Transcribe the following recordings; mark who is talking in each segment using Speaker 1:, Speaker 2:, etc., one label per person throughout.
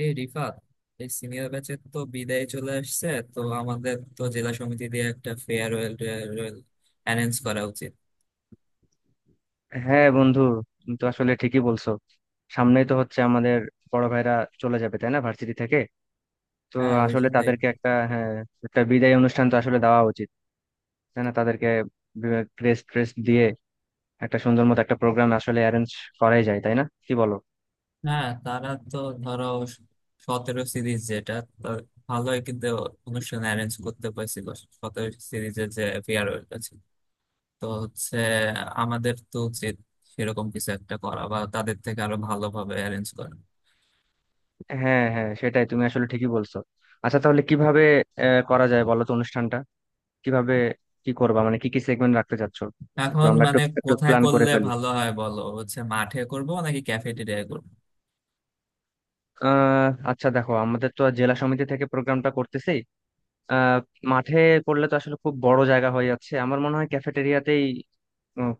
Speaker 1: এই রিফাত, এই সিনিয়র ব্যাচের তো বিদায় চলে আসছে। তো আমাদের তো জেলা সমিতি দিয়ে একটা ফেয়ারওয়েল টেয়ারওয়েল অ্যারেঞ্জ করা উচিত।
Speaker 2: হ্যাঁ বন্ধু, তুমি তো আসলে ঠিকই বলছো। সামনেই তো হচ্ছে আমাদের বড় ভাইরা চলে যাবে, তাই না, ভার্সিটি থেকে। তো
Speaker 1: হ্যাঁ, ওই
Speaker 2: আসলে
Speaker 1: জন্যই।
Speaker 2: তাদেরকে একটা হ্যাঁ, একটা বিদায় অনুষ্ঠান তো আসলে দেওয়া উচিত, তাই না? তাদেরকে ক্রেস্ট ট্রেস্ট দিয়ে একটা সুন্দর মতো একটা প্রোগ্রাম আসলে অ্যারেঞ্জ করাই যায়, তাই না, কি বলো?
Speaker 1: হ্যাঁ, তারা তো ধরো 17 সিরিজ যেটা, তার ভালোই কিন্তু অনুষ্ঠান অ্যারেঞ্জ করতে পারছিল, 17 সিরিজের যে ফেয়ারওয়েলটা ছিল। তো হচ্ছে আমাদের তো উচিত সেরকম কিছু একটা করা বা তাদের থেকে আরো ভালোভাবে অ্যারেঞ্জ করা।
Speaker 2: হ্যাঁ হ্যাঁ, সেটাই, তুমি আসলে ঠিকই বলছো। আচ্ছা, তাহলে কিভাবে করা যায় বলো তো অনুষ্ঠানটা? কিভাবে কি করবা, মানে কি কি সেগমেন্ট রাখতে চাচ্ছো? একটু
Speaker 1: এখন
Speaker 2: আমরা একটু
Speaker 1: মানে
Speaker 2: একটু
Speaker 1: কোথায়
Speaker 2: প্ল্যান করে
Speaker 1: করলে
Speaker 2: ফেলি।
Speaker 1: ভালো হয় বলো, হচ্ছে মাঠে করবো নাকি ক্যাফেটেরিয়ায় করবো?
Speaker 2: আচ্ছা, দেখো, আমাদের তো জেলা সমিতি থেকে প্রোগ্রামটা করতেছি। আহ মাঠে করলে তো আসলে খুব বড় জায়গা হয়ে যাচ্ছে। আমার মনে হয় ক্যাফেটেরিয়াতেই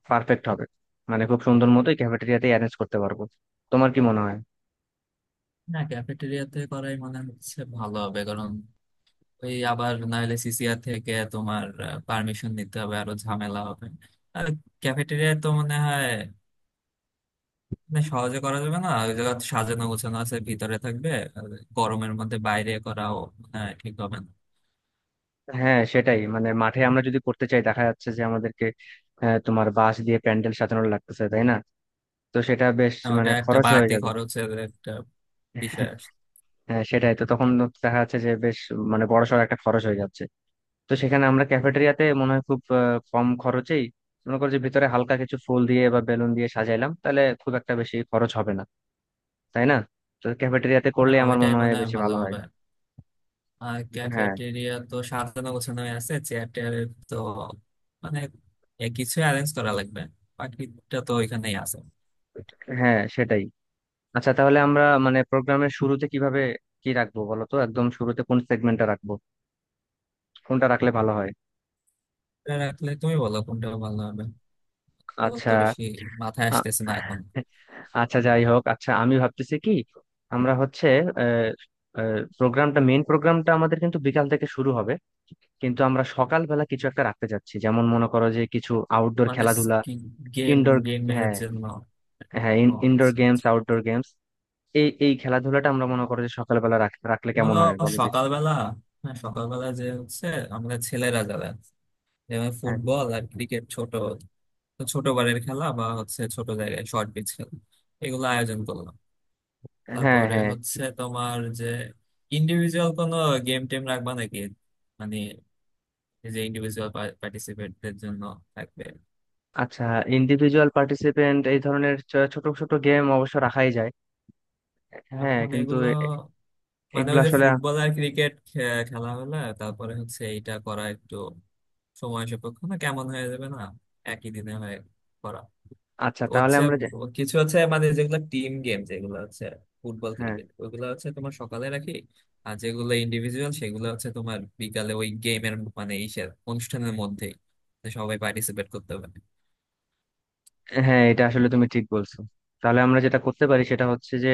Speaker 2: পারফেক্ট হবে। মানে খুব সুন্দর মতোই ক্যাফেটেরিয়াতেই অ্যারেঞ্জ করতে পারবো। তোমার কি মনে হয়?
Speaker 1: না, ক্যাফেটেরিয়াতে করাই মনে হচ্ছে ভালো হবে, কারণ ওই আবার নাহলে সিসিআর থেকে তোমার পারমিশন নিতে হবে, আরো ঝামেলা হবে। আর ক্যাফেটেরিয়া তো মনে হয় মানে সহজে করা যাবে না, ওই জায়গা সাজানো গোছানো আছে, ভিতরে থাকবে। আর গরমের মধ্যে বাইরে করাও মনে হয় ঠিক হবে না।
Speaker 2: হ্যাঁ, সেটাই। মানে মাঠে আমরা যদি করতে চাই, দেখা যাচ্ছে যে আমাদেরকে তোমার বাঁশ দিয়ে প্যান্ডেল সাজানো লাগতেছে, তাই না? তো সেটা বেশ
Speaker 1: আর
Speaker 2: মানে
Speaker 1: ওটা একটা
Speaker 2: খরচ হয়ে
Speaker 1: বাড়তি
Speaker 2: যাবে।
Speaker 1: খরচের একটা বিষয় আসছে।
Speaker 2: হ্যাঁ সেটাই, তো তখন দেখা যাচ্ছে যে বেশ মানে বড়সড় একটা খরচ হয়ে যাচ্ছে। তো সেখানে আমরা ক্যাফেটেরিয়াতে মনে হয় খুব কম খরচেই, মনে করো যে ভিতরে হালকা কিছু ফুল দিয়ে বা বেলুন দিয়ে সাজাইলাম, তাহলে খুব একটা বেশি খরচ হবে না, তাই না। তো ক্যাফেটেরিয়াতে
Speaker 1: না,
Speaker 2: করলে আমার
Speaker 1: ওইটাই
Speaker 2: মনে হয়
Speaker 1: মনে হয়
Speaker 2: বেশি
Speaker 1: ভালো
Speaker 2: ভালো হয়।
Speaker 1: হবে। আর
Speaker 2: হ্যাঁ
Speaker 1: ক্যাফেটেরিয়া তো সাজানো গোছানো হয়ে আছে, চেয়ার টেয়ারের তো মানে এ কিছু অ্যারেঞ্জ করা লাগবে, বাকিটা তো ওইখানেই আছে।
Speaker 2: হ্যাঁ সেটাই। আচ্ছা তাহলে আমরা মানে প্রোগ্রামের শুরুতে কিভাবে কি রাখবো বলো তো, একদম শুরুতে কোন সেগমেন্টটা রাখবো, কোনটা রাখলে ভালো হয়?
Speaker 1: এটা রাখলে তুমি বলো কোনটা ভালো হবে। তো
Speaker 2: আচ্ছা।
Speaker 1: তো বেশি মাথায়
Speaker 2: আ-
Speaker 1: আসতেছে না এখন।
Speaker 2: আচ্ছা যাই হোক, আচ্ছা আমি ভাবতেছি কি, আমরা হচ্ছে প্রোগ্রামটা, মেইন প্রোগ্রামটা আমাদের কিন্তু বিকাল থেকে শুরু হবে, কিন্তু আমরা সকালবেলা কিছু একটা রাখতে চাচ্ছি, যেমন মনে করো যে কিছু আউটডোর
Speaker 1: মানে
Speaker 2: খেলাধুলা,
Speaker 1: গেম,
Speaker 2: ইনডোর।
Speaker 1: গেমের
Speaker 2: হ্যাঁ,
Speaker 1: জন্য।
Speaker 2: হ্যাঁ।
Speaker 1: ও
Speaker 2: ইনডোর
Speaker 1: আচ্ছা
Speaker 2: গেমস,
Speaker 1: আচ্ছা।
Speaker 2: আউটডোর গেমস, এই এই খেলাধুলাটা আমরা মনে করো যে সকালবেলা রাখলে কেমন
Speaker 1: ধরো
Speaker 2: হয় বলো দেখি?
Speaker 1: সকালবেলা, হ্যাঁ সকালবেলা যে হচ্ছে আমরা ছেলেরা যারা আছে, যেমন
Speaker 2: হ্যাঁ।
Speaker 1: ফুটবল আর ক্রিকেট, ছোট ছোট বারের খেলা বা হচ্ছে ছোট জায়গায় শর্ট পিচ খেলা, এগুলো আয়োজন করলাম।
Speaker 2: হ্যাঁ।
Speaker 1: তারপরে
Speaker 2: হ্যাঁ।
Speaker 1: হচ্ছে তোমার যে ইন্ডিভিজুয়াল কোনো গেম টেম রাখবা নাকি, মানে এই যে ইন্ডিভিজুয়াল পার্টিসিপেটদের জন্য থাকবে।
Speaker 2: আচ্ছা, ইন্ডিভিজুয়াল পার্টিসিপেন্ট এই ধরনের ছোট ছোট গেম অবশ্য রাখাই যায়। হ্যাঁ,
Speaker 1: এখন
Speaker 2: কিন্তু
Speaker 1: এগুলো মানে
Speaker 2: এগুলো
Speaker 1: ওই যে
Speaker 2: আসলে
Speaker 1: ফুটবল আর ক্রিকেট খেলা হলে তারপরে হচ্ছে এইটা করা একটু সময় সাপেক্ষ না, কেমন হয়ে যাবে না একই দিনে হয়ে করা।
Speaker 2: আচ্ছা তাহলে
Speaker 1: হচ্ছে
Speaker 2: আমরা যে,
Speaker 1: কিছু হচ্ছে মানে যেগুলো টিম গেম, যেগুলো হচ্ছে ফুটবল
Speaker 2: হ্যাঁ
Speaker 1: ক্রিকেট, ওগুলো হচ্ছে তোমার সকালে রাখি। আর যেগুলো ইন্ডিভিজুয়াল সেগুলো হচ্ছে তোমার বিকালে ওই গেমের মানে ইসের অনুষ্ঠানের মধ্যেই, তো সবাই পার্টিসিপেট করতে পারে।
Speaker 2: হ্যাঁ এটা আসলে তুমি ঠিক বলছো। তাহলে আমরা যেটা করতে পারি সেটা হচ্ছে যে,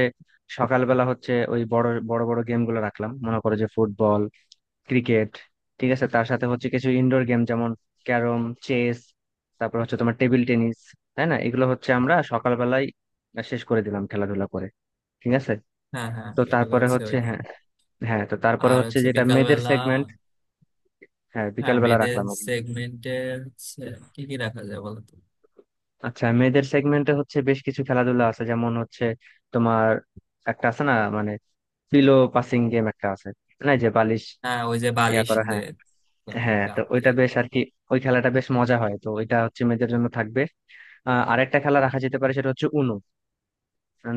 Speaker 2: সকালবেলা হচ্ছে ওই বড় বড় বড় গেম গুলো রাখলাম, মনে করো যে ফুটবল, ক্রিকেট, ঠিক আছে, তার সাথে হচ্ছে কিছু ইনডোর গেম, যেমন ক্যারম, চেস, তারপর হচ্ছে তোমার টেবিল টেনিস, তাই না। এগুলো হচ্ছে আমরা সকালবেলায় শেষ করে দিলাম, খেলাধুলা করে, ঠিক আছে।
Speaker 1: হ্যাঁ হ্যাঁ,
Speaker 2: তো
Speaker 1: এগুলো
Speaker 2: তারপরে
Speaker 1: হচ্ছে
Speaker 2: হচ্ছে,
Speaker 1: ওইখানে।
Speaker 2: হ্যাঁ, হ্যাঁ, তো তারপরে
Speaker 1: আর
Speaker 2: হচ্ছে
Speaker 1: হচ্ছে
Speaker 2: যেটা
Speaker 1: বিকাল
Speaker 2: মেয়েদের
Speaker 1: বেলা,
Speaker 2: সেগমেন্ট। হ্যাঁ,
Speaker 1: হ্যাঁ
Speaker 2: বিকালবেলা
Speaker 1: মেয়েদের
Speaker 2: রাখলাম।
Speaker 1: সেগমেন্টে হচ্ছে কি কি রাখা যায় বলো তো?
Speaker 2: আচ্ছা মেয়েদের সেগমেন্টে হচ্ছে বেশ কিছু খেলাধুলা আছে, যেমন হচ্ছে তোমার একটা আছে না মানে, পিলো পাসিং গেম একটা আছে না, এই যে বালিশ
Speaker 1: হ্যাঁ, ওই যে
Speaker 2: ইয়া
Speaker 1: বালিশ
Speaker 2: করা, হ্যাঁ,
Speaker 1: দিয়ে করা,
Speaker 2: হ্যাঁ, তো
Speaker 1: গান দিয়ে।
Speaker 2: ওইটা বেশ আর কি, ওই খেলাটা বেশ মজা হয়, তো ওইটা হচ্ছে মেয়েদের জন্য থাকবে। আরেকটা খেলা রাখা যেতে পারে, সেটা হচ্ছে উনো,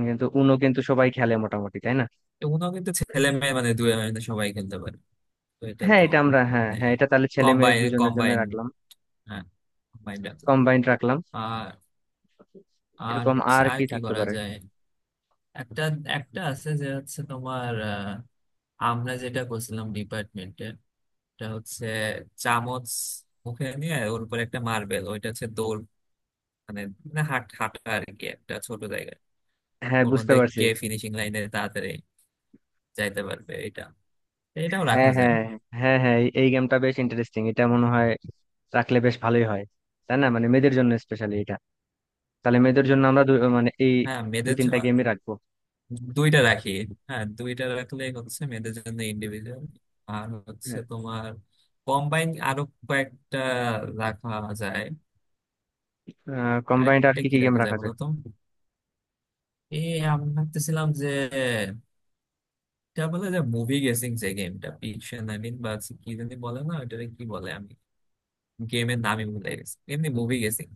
Speaker 2: কিন্তু উনো কিন্তু সবাই খেলে মোটামুটি, তাই না।
Speaker 1: এগুলো কিন্তু ছেলে মেয়ে মানে দুই মানে সবাই খেলতে পারে, তো এটা
Speaker 2: হ্যাঁ
Speaker 1: তো
Speaker 2: এটা আমরা, হ্যাঁ হ্যাঁ, এটা তাহলে ছেলে মেয়ে
Speaker 1: কম্বাইন
Speaker 2: দুজনের জন্য
Speaker 1: কম্বাইন,
Speaker 2: রাখলাম,
Speaker 1: হ্যাঁ কম্বাইন ডাকলো।
Speaker 2: কম্বাইন্ড রাখলাম।
Speaker 1: আর, আর
Speaker 2: এরকম
Speaker 1: হচ্ছে
Speaker 2: আর
Speaker 1: আর
Speaker 2: কি
Speaker 1: কি
Speaker 2: থাকতে
Speaker 1: করা
Speaker 2: পারে?
Speaker 1: যায়। একটা, একটা আছে যে হচ্ছে তোমার আমরা যেটা করছিলাম ডিপার্টমেন্টে, এটা হচ্ছে চামচ মুখে নিয়ে ওর উপর একটা মার্বেল, ওইটা হচ্ছে দৌড়, মানে না হাট হাঁটা আর কি একটা ছোট জায়গায়,
Speaker 2: হ্যাঁ,
Speaker 1: ওর
Speaker 2: বুঝতে
Speaker 1: মধ্যে
Speaker 2: পারছি।
Speaker 1: কে ফিনিশিং লাইনে তাড়াতাড়ি যাইতে পারবে, এটা, এটাও
Speaker 2: হ্যাঁ
Speaker 1: রাখা যায়।
Speaker 2: হ্যাঁ হ্যাঁ হ্যাঁ, এই এই গেমটা বেশ ইন্টারেস্টিং, এটা মনে হয় রাখলে বেশ ভালোই হয়, তাই না, মানে মেয়েদের জন্য স্পেশালি এটা। তাহলে মেয়েদের জন্য আমরা দু- মানে এই
Speaker 1: হ্যাঁ
Speaker 2: দু
Speaker 1: মেয়েদের
Speaker 2: তিনটা
Speaker 1: জন্য
Speaker 2: গেমই রাখবো।
Speaker 1: দুইটা রাখি। হ্যাঁ দুইটা রাখলে হচ্ছে মেয়েদের জন্য ইন্ডিভিজুয়াল, আর হচ্ছে তোমার কম্বাইন আরো কয়েকটা রাখা যায়।
Speaker 2: কম্বাইন্ড আর
Speaker 1: আরেকটা
Speaker 2: কি
Speaker 1: কি
Speaker 2: কি গেম
Speaker 1: রাখা যায়
Speaker 2: রাখা
Speaker 1: বলো
Speaker 2: যায়?
Speaker 1: তো, এই আমি ভাবতেছিলাম যে এটা বলে যে মুভি গেসিং, যে গেমটা পিকশন আই মিন বা কি জানি বলে না ওটারে, কি বলে আমি গেমের নামই ভুলে গেছি, এমনি মুভি গেসিং।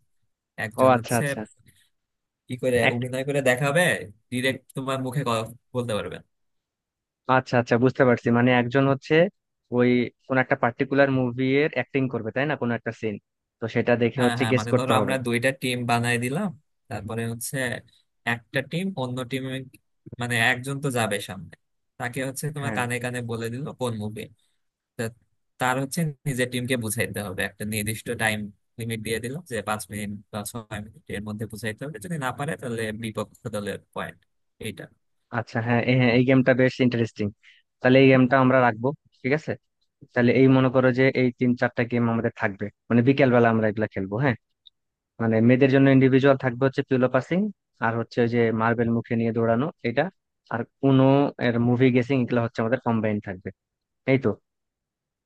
Speaker 2: ও
Speaker 1: একজন
Speaker 2: আচ্ছা,
Speaker 1: হচ্ছে
Speaker 2: আচ্ছা।
Speaker 1: কি করে
Speaker 2: এক-
Speaker 1: অভিনয় করে দেখাবে, ডিরেক্ট তোমার মুখে ক- বলতে পারবে না।
Speaker 2: আচ্ছা, আচ্ছা, বুঝতে পারছি, মানে একজন হচ্ছে ওই কোন একটা পার্টিকুলার মুভি এর অ্যাক্টিং করবে, তাই না, কোন একটা সিন, তো সেটা দেখে
Speaker 1: হ্যাঁ
Speaker 2: হচ্ছে
Speaker 1: হ্যাঁ,
Speaker 2: গেস
Speaker 1: মানে
Speaker 2: করতে
Speaker 1: ধরো
Speaker 2: হবে।
Speaker 1: আমরা দুইটা টিম বানাই দিলাম, তারপরে হচ্ছে একটা টিম অন্য টিম, মানে একজন তো যাবে সামনে, তাকে হচ্ছে তোমার
Speaker 2: হ্যাঁ।
Speaker 1: কানে কানে বলে দিল কোন মুভি, তার হচ্ছে নিজের টিমকে বুঝাইতে হবে, একটা নির্দিষ্ট টাইম লিমিট দিয়ে দিল যে 5 মিনিট বা 6 মিনিট এর মধ্যে বুঝাইতে হবে, যদি না পারে তাহলে বিপক্ষ দলের পয়েন্ট, এইটা।
Speaker 2: আচ্ছা, হ্যাঁ, হ্যাঁ, এই গেমটা বেশ ইন্টারেস্টিং, তাহলে এই গেমটা আমরা রাখবো, ঠিক আছে। তাহলে এই মনে করো যে এই তিন চারটা গেম আমাদের থাকবে, মানে বিকেল বেলা আমরা এগুলা খেলবো। হ্যাঁ, মানে মেয়েদের জন্য ইন্ডিভিজুয়াল থাকবে হচ্ছে পিলো পাসিং, আর হচ্ছে ওই যে মার্বেল মুখে নিয়ে দৌড়ানো এটা, আর উনো এর মুভি গেসিং, এগুলো হচ্ছে আমাদের কম্বাইন থাকবে। এই তো,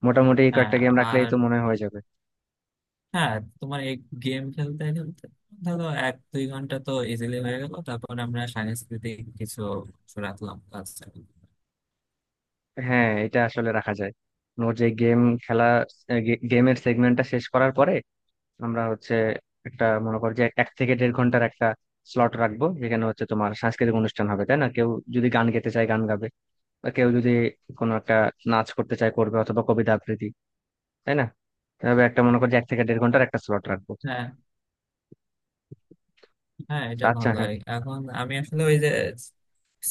Speaker 2: মোটামুটি এই
Speaker 1: হ্যাঁ,
Speaker 2: কয়েকটা গেম
Speaker 1: আর,
Speaker 2: রাখলেই তো মনে হয় হয়ে যাবে।
Speaker 1: হ্যাঁ তোমার এই গেম খেলতে খেলতে ধরো 1-2 ঘন্টা তো ইজিলি হয়ে গেল, তারপর আমরা সাংস্কৃতিক কিছু অংশ রাখলাম ক্লাসে।
Speaker 2: হ্যাঁ, এটা আসলে রাখা যায়। ওর যে গেম খেলা, গেমের সেগমেন্টটা শেষ করার পরে আমরা হচ্ছে একটা, মনে করো যে এক থেকে দেড় ঘন্টার একটা স্লট রাখবো, যেখানে হচ্ছে তোমার সাংস্কৃতিক অনুষ্ঠান হবে, তাই না, কেউ যদি গান গেতে চায় গান গাবে, বা কেউ যদি কোনো একটা নাচ করতে চায় করবে, অথবা কবিতা আবৃত্তি, তাই না। এভাবে একটা মনে করো যে এক থেকে দেড় ঘন্টার একটা স্লট রাখবো।
Speaker 1: হ্যাঁ হ্যাঁ, এটা
Speaker 2: তা আচ্ছা,
Speaker 1: ভালো
Speaker 2: হ্যাঁ।
Speaker 1: হয়। এখন আমি আসলে ওই যে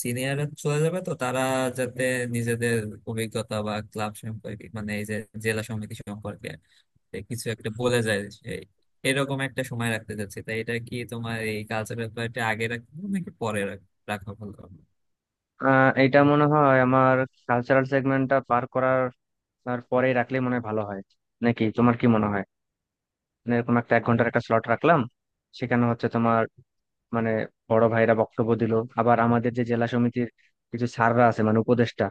Speaker 1: সিনিয়র চলে যাবে তো তারা যাতে নিজেদের অভিজ্ঞতা বা ক্লাব সম্পর্কে, মানে এই যে জেলা সমিতি সম্পর্কে এ কিছু একটা বলে যায় সেই, এরকম একটা সময় রাখতে চাচ্ছি। তাই এটা কি তোমার এই কালচারাল ব্যাপারটা আগে রাখবো নাকি পরে রাখা ভালো হবে?
Speaker 2: এইটা মনে হয় আমার, কালচারাল সেগমেন্টটা পার করার আর পরেই রাখলে মনে হয় ভালো হয়, নাকি তোমার কি মনে হয়? মানে এরকম একটা এক ঘন্টার একটা স্লট রাখলাম, সেখানে হচ্ছে তোমার, মানে বড় ভাইরা বক্তব্য দিল, আবার আমাদের যে জেলা সমিতির কিছু স্যাররা আছে, মানে উপদেষ্টা,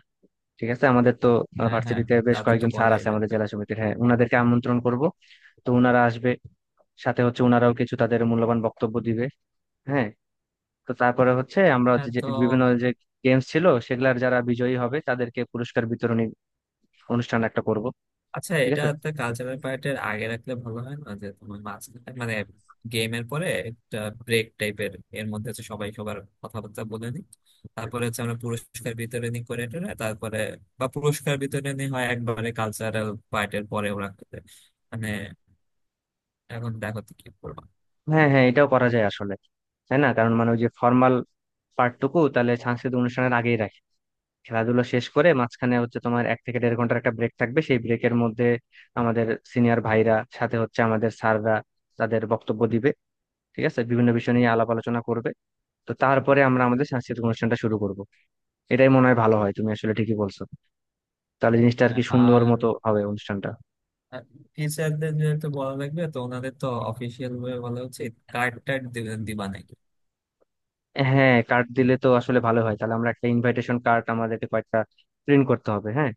Speaker 2: ঠিক আছে, আমাদের তো
Speaker 1: হ্যাঁ হ্যাঁ,
Speaker 2: ভার্সিটিতে বেশ
Speaker 1: তাদের তো
Speaker 2: কয়েকজন স্যার
Speaker 1: বলাই
Speaker 2: আছে আমাদের
Speaker 1: লাগবে।
Speaker 2: জেলা সমিতির, হ্যাঁ, ওনাদেরকে আমন্ত্রণ করব, তো ওনারা আসবে, সাথে হচ্ছে ওনারাও কিছু তাদের মূল্যবান বক্তব্য দিবে। হ্যাঁ, তো তারপরে হচ্ছে আমরা
Speaker 1: হ্যাঁ
Speaker 2: হচ্ছে যে
Speaker 1: তো।
Speaker 2: বিভিন্ন যে গেমস ছিল সেগুলার যারা বিজয়ী হবে তাদেরকে পুরস্কার বিতরণী অনুষ্ঠান একটা করব।
Speaker 1: আচ্ছা,
Speaker 2: ঠিক আছে।
Speaker 1: এটাতে কালচারাল পার্টের আগে রাখলে ভালো হয় না, যে তোমার মাঝখানে মানে গেমের পরে একটা ব্রেক টাইপের, এর মধ্যে হচ্ছে সবাই সবার কথাবার্তা বলে নি, তারপরে হচ্ছে আমরা পুরস্কার বিতরণী করে টোরে তারপরে, বা পুরস্কার বিতরণী হয় একবারে কালচারাল পার্টের পরেও রাখতে দেয়। মানে এখন দেখো তো কি করবো।
Speaker 2: হ্যাঁ হ্যাঁ, এটাও করা যায় আসলে, তাই না, কারণ মানে ওই যে ফর্মাল পার্টটুকু তাহলে সাংস্কৃতিক অনুষ্ঠানের আগেই রাখি, খেলাধুলা শেষ করে, মাঝখানে হচ্ছে তোমার এক থেকে দেড় ঘন্টার একটা ব্রেক থাকবে, সেই ব্রেকের মধ্যে আমাদের সিনিয়র ভাইরা সাথে হচ্ছে আমাদের স্যাররা তাদের বক্তব্য দিবে, ঠিক আছে, বিভিন্ন বিষয় নিয়ে আলাপ আলোচনা করবে। তো তারপরে আমরা আমাদের সাংস্কৃতিক অনুষ্ঠানটা শুরু করব। এটাই মনে হয় ভালো হয়, তুমি আসলে ঠিকই বলছো, তাহলে জিনিসটা আর কি সুন্দর
Speaker 1: আর
Speaker 2: মতো হবে অনুষ্ঠানটা।
Speaker 1: টিচারদের যেহেতু বলা লাগবে, তো ওনাদের তো অফিসিয়াল ভাবে বলা উচিত, কার্ড টার্ড দিবেন দিবা না।
Speaker 2: হ্যাঁ, কার্ড দিলে তো আসলে ভালো হয়। তাহলে আমরা একটা ইনভাইটেশন কার্ড আমাদেরকে কয়েকটা প্রিন্ট করতে হবে, হ্যাঁ,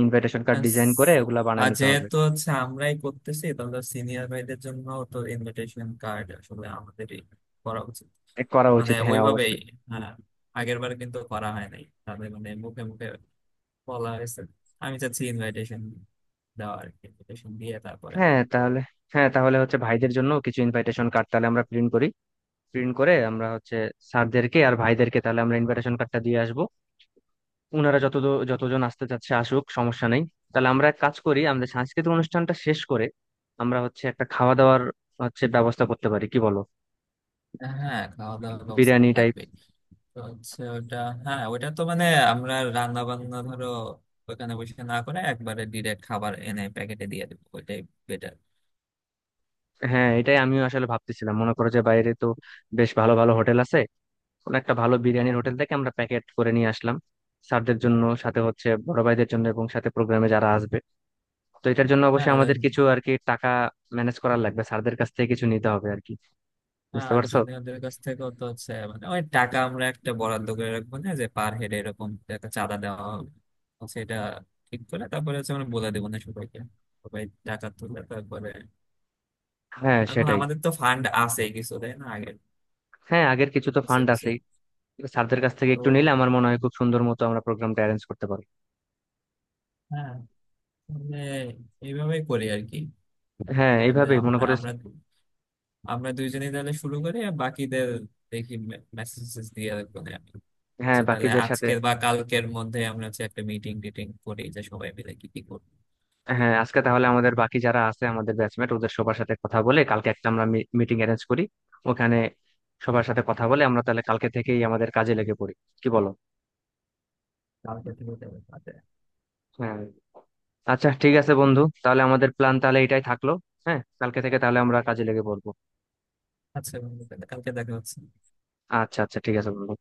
Speaker 2: ইনভাইটেশন কার্ড
Speaker 1: আর
Speaker 2: ডিজাইন করে
Speaker 1: স-
Speaker 2: ওগুলা বানায়
Speaker 1: আর
Speaker 2: নিতে হবে।
Speaker 1: যেহেতু হচ্ছে আমরাই করতেছি, তাহলে সিনিয়র ভাইদের জন্য তো ইনভিটেশন কার্ড আসলে আমাদেরই করা উচিত,
Speaker 2: এ করা
Speaker 1: মানে
Speaker 2: উচিত, হ্যাঁ
Speaker 1: ওইভাবেই।
Speaker 2: অবশ্যই।
Speaker 1: হ্যাঁ, আগের বার কিন্তু করা হয় নাই তাদের, মানে মুখে মুখে বলা হয়েছে। আমি চাচ্ছি ইনভাইটেশন দেওয়া, আর ইনভিটেশন দিয়ে তারপরে
Speaker 2: হ্যাঁ তাহলে, হ্যাঁ তাহলে হচ্ছে ভাইদের জন্য কিছু ইনভাইটেশন কার্ড তাহলে আমরা প্রিন্ট করি, প্রিন্ট করে আমরা হচ্ছে স্যারদেরকে আর ভাইদেরকে তাহলে আমরা ইনভাইটেশন কার্ডটা দিয়ে আসবো। ওনারা যত যতজন আসতে চাচ্ছে আসুক, সমস্যা নেই। তাহলে আমরা এক কাজ করি, আমাদের সাংস্কৃতিক অনুষ্ঠানটা শেষ করে আমরা হচ্ছে একটা খাওয়া দাওয়ার হচ্ছে ব্যবস্থা করতে পারি, কি বলো?
Speaker 1: হ্যাঁ খাওয়া দাওয়ার ব্যবস্থা তো
Speaker 2: বিরিয়ানি টাইপ।
Speaker 1: থাকবেই। তো হচ্ছে ওটা, হ্যাঁ ওটা তো মানে আমরা রান্না বান্না ধরো ওখানে বসে না করে একবারে ডিরেক্ট খাবার এনে প্যাকেটে দিয়ে দেবো, ওইটাই বেটার।
Speaker 2: হ্যাঁ, এটাই আমিও আসলে ভাবতেছিলাম, মনে করো যে বাইরে তো বেশ ভালো ভালো হোটেল আছে, কোন একটা ভালো বিরিয়ানির হোটেল থেকে আমরা প্যাকেট করে নিয়ে আসলাম স্যারদের জন্য, সাথে হচ্ছে বড় ভাইদের জন্য, এবং সাথে প্রোগ্রামে যারা আসবে। তো এটার জন্য
Speaker 1: হ্যাঁ।
Speaker 2: অবশ্যই আমাদের কিছু আর কি টাকা ম্যানেজ করার লাগবে, স্যারদের কাছ থেকে কিছু নিতে হবে আর কি, বুঝতে
Speaker 1: আর
Speaker 2: পারছো।
Speaker 1: জুনিয়রদের কাছ থেকেও তো হচ্ছে মানে অনেক টাকা, আমরা একটা বরাদ্দ করে রাখবো না যে পার হেড এরকম একটা চাঁদা দেওয়া হবে, সেটা ঠিক করে তারপরে হচ্ছে আমরা বলে দেবো না সবাইকে, সবাই টাকা তুলে তারপরে।
Speaker 2: হ্যাঁ
Speaker 1: এখন
Speaker 2: সেটাই।
Speaker 1: আমাদের তো ফান্ড আছে কিছু তাই না আগের,
Speaker 2: হ্যাঁ, আগের কিছু তো
Speaker 1: কিছু
Speaker 2: ফান্ড
Speaker 1: কিছু।
Speaker 2: আছেই। স্যারদের কাছ থেকে
Speaker 1: তো
Speaker 2: একটু নিলে আমার মনে হয় খুব সুন্দর মতো আমরা প্রোগ্রামটা অ্যারেঞ্জ করতে পারবো।
Speaker 1: হ্যাঁ, তাহলে এইভাবেই করি আর কি।
Speaker 2: হ্যাঁ,
Speaker 1: তাহলে
Speaker 2: এইভাবেই মনে
Speaker 1: আমরা
Speaker 2: করে।
Speaker 1: আমরা আমরা দুইজনেই তাহলে শুরু করি, আর বাকিদের দেখি, মেসেজ দিয়ে রাখবো না আমি।
Speaker 2: হ্যাঁ,
Speaker 1: আচ্ছা, তাহলে
Speaker 2: বাকিদের সাথে।
Speaker 1: আজকের বা কালকের মধ্যে আমরা হচ্ছে একটা মিটিং টিটিং করি, যে সবাই মিলে কি কি করবো।
Speaker 2: হ্যাঁ, আজকে তাহলে আমাদের বাকি যারা আছে আমাদের ব্যাচমেট ওদের সবার সাথে কথা বলে কালকে একটা আমরা মিটিং অ্যারেঞ্জ করি, ওখানে সবার সাথে কথা বলে আমরা তাহলে কালকে থেকেই আমাদের কাজে লেগে পড়ি, কি বলো?
Speaker 1: কালকে থেকে যাবে কালকে।
Speaker 2: হ্যাঁ। আচ্ছা ঠিক আছে বন্ধু, তাহলে আমাদের প্ল্যান তাহলে এটাই থাকলো। হ্যাঁ, কালকে থেকে তাহলে আমরা কাজে লেগে পড়বো।
Speaker 1: আচ্ছা বন্ধু, তাহলে কালকে দেখা হচ্ছে।
Speaker 2: আচ্ছা, আচ্ছা ঠিক আছে বন্ধু।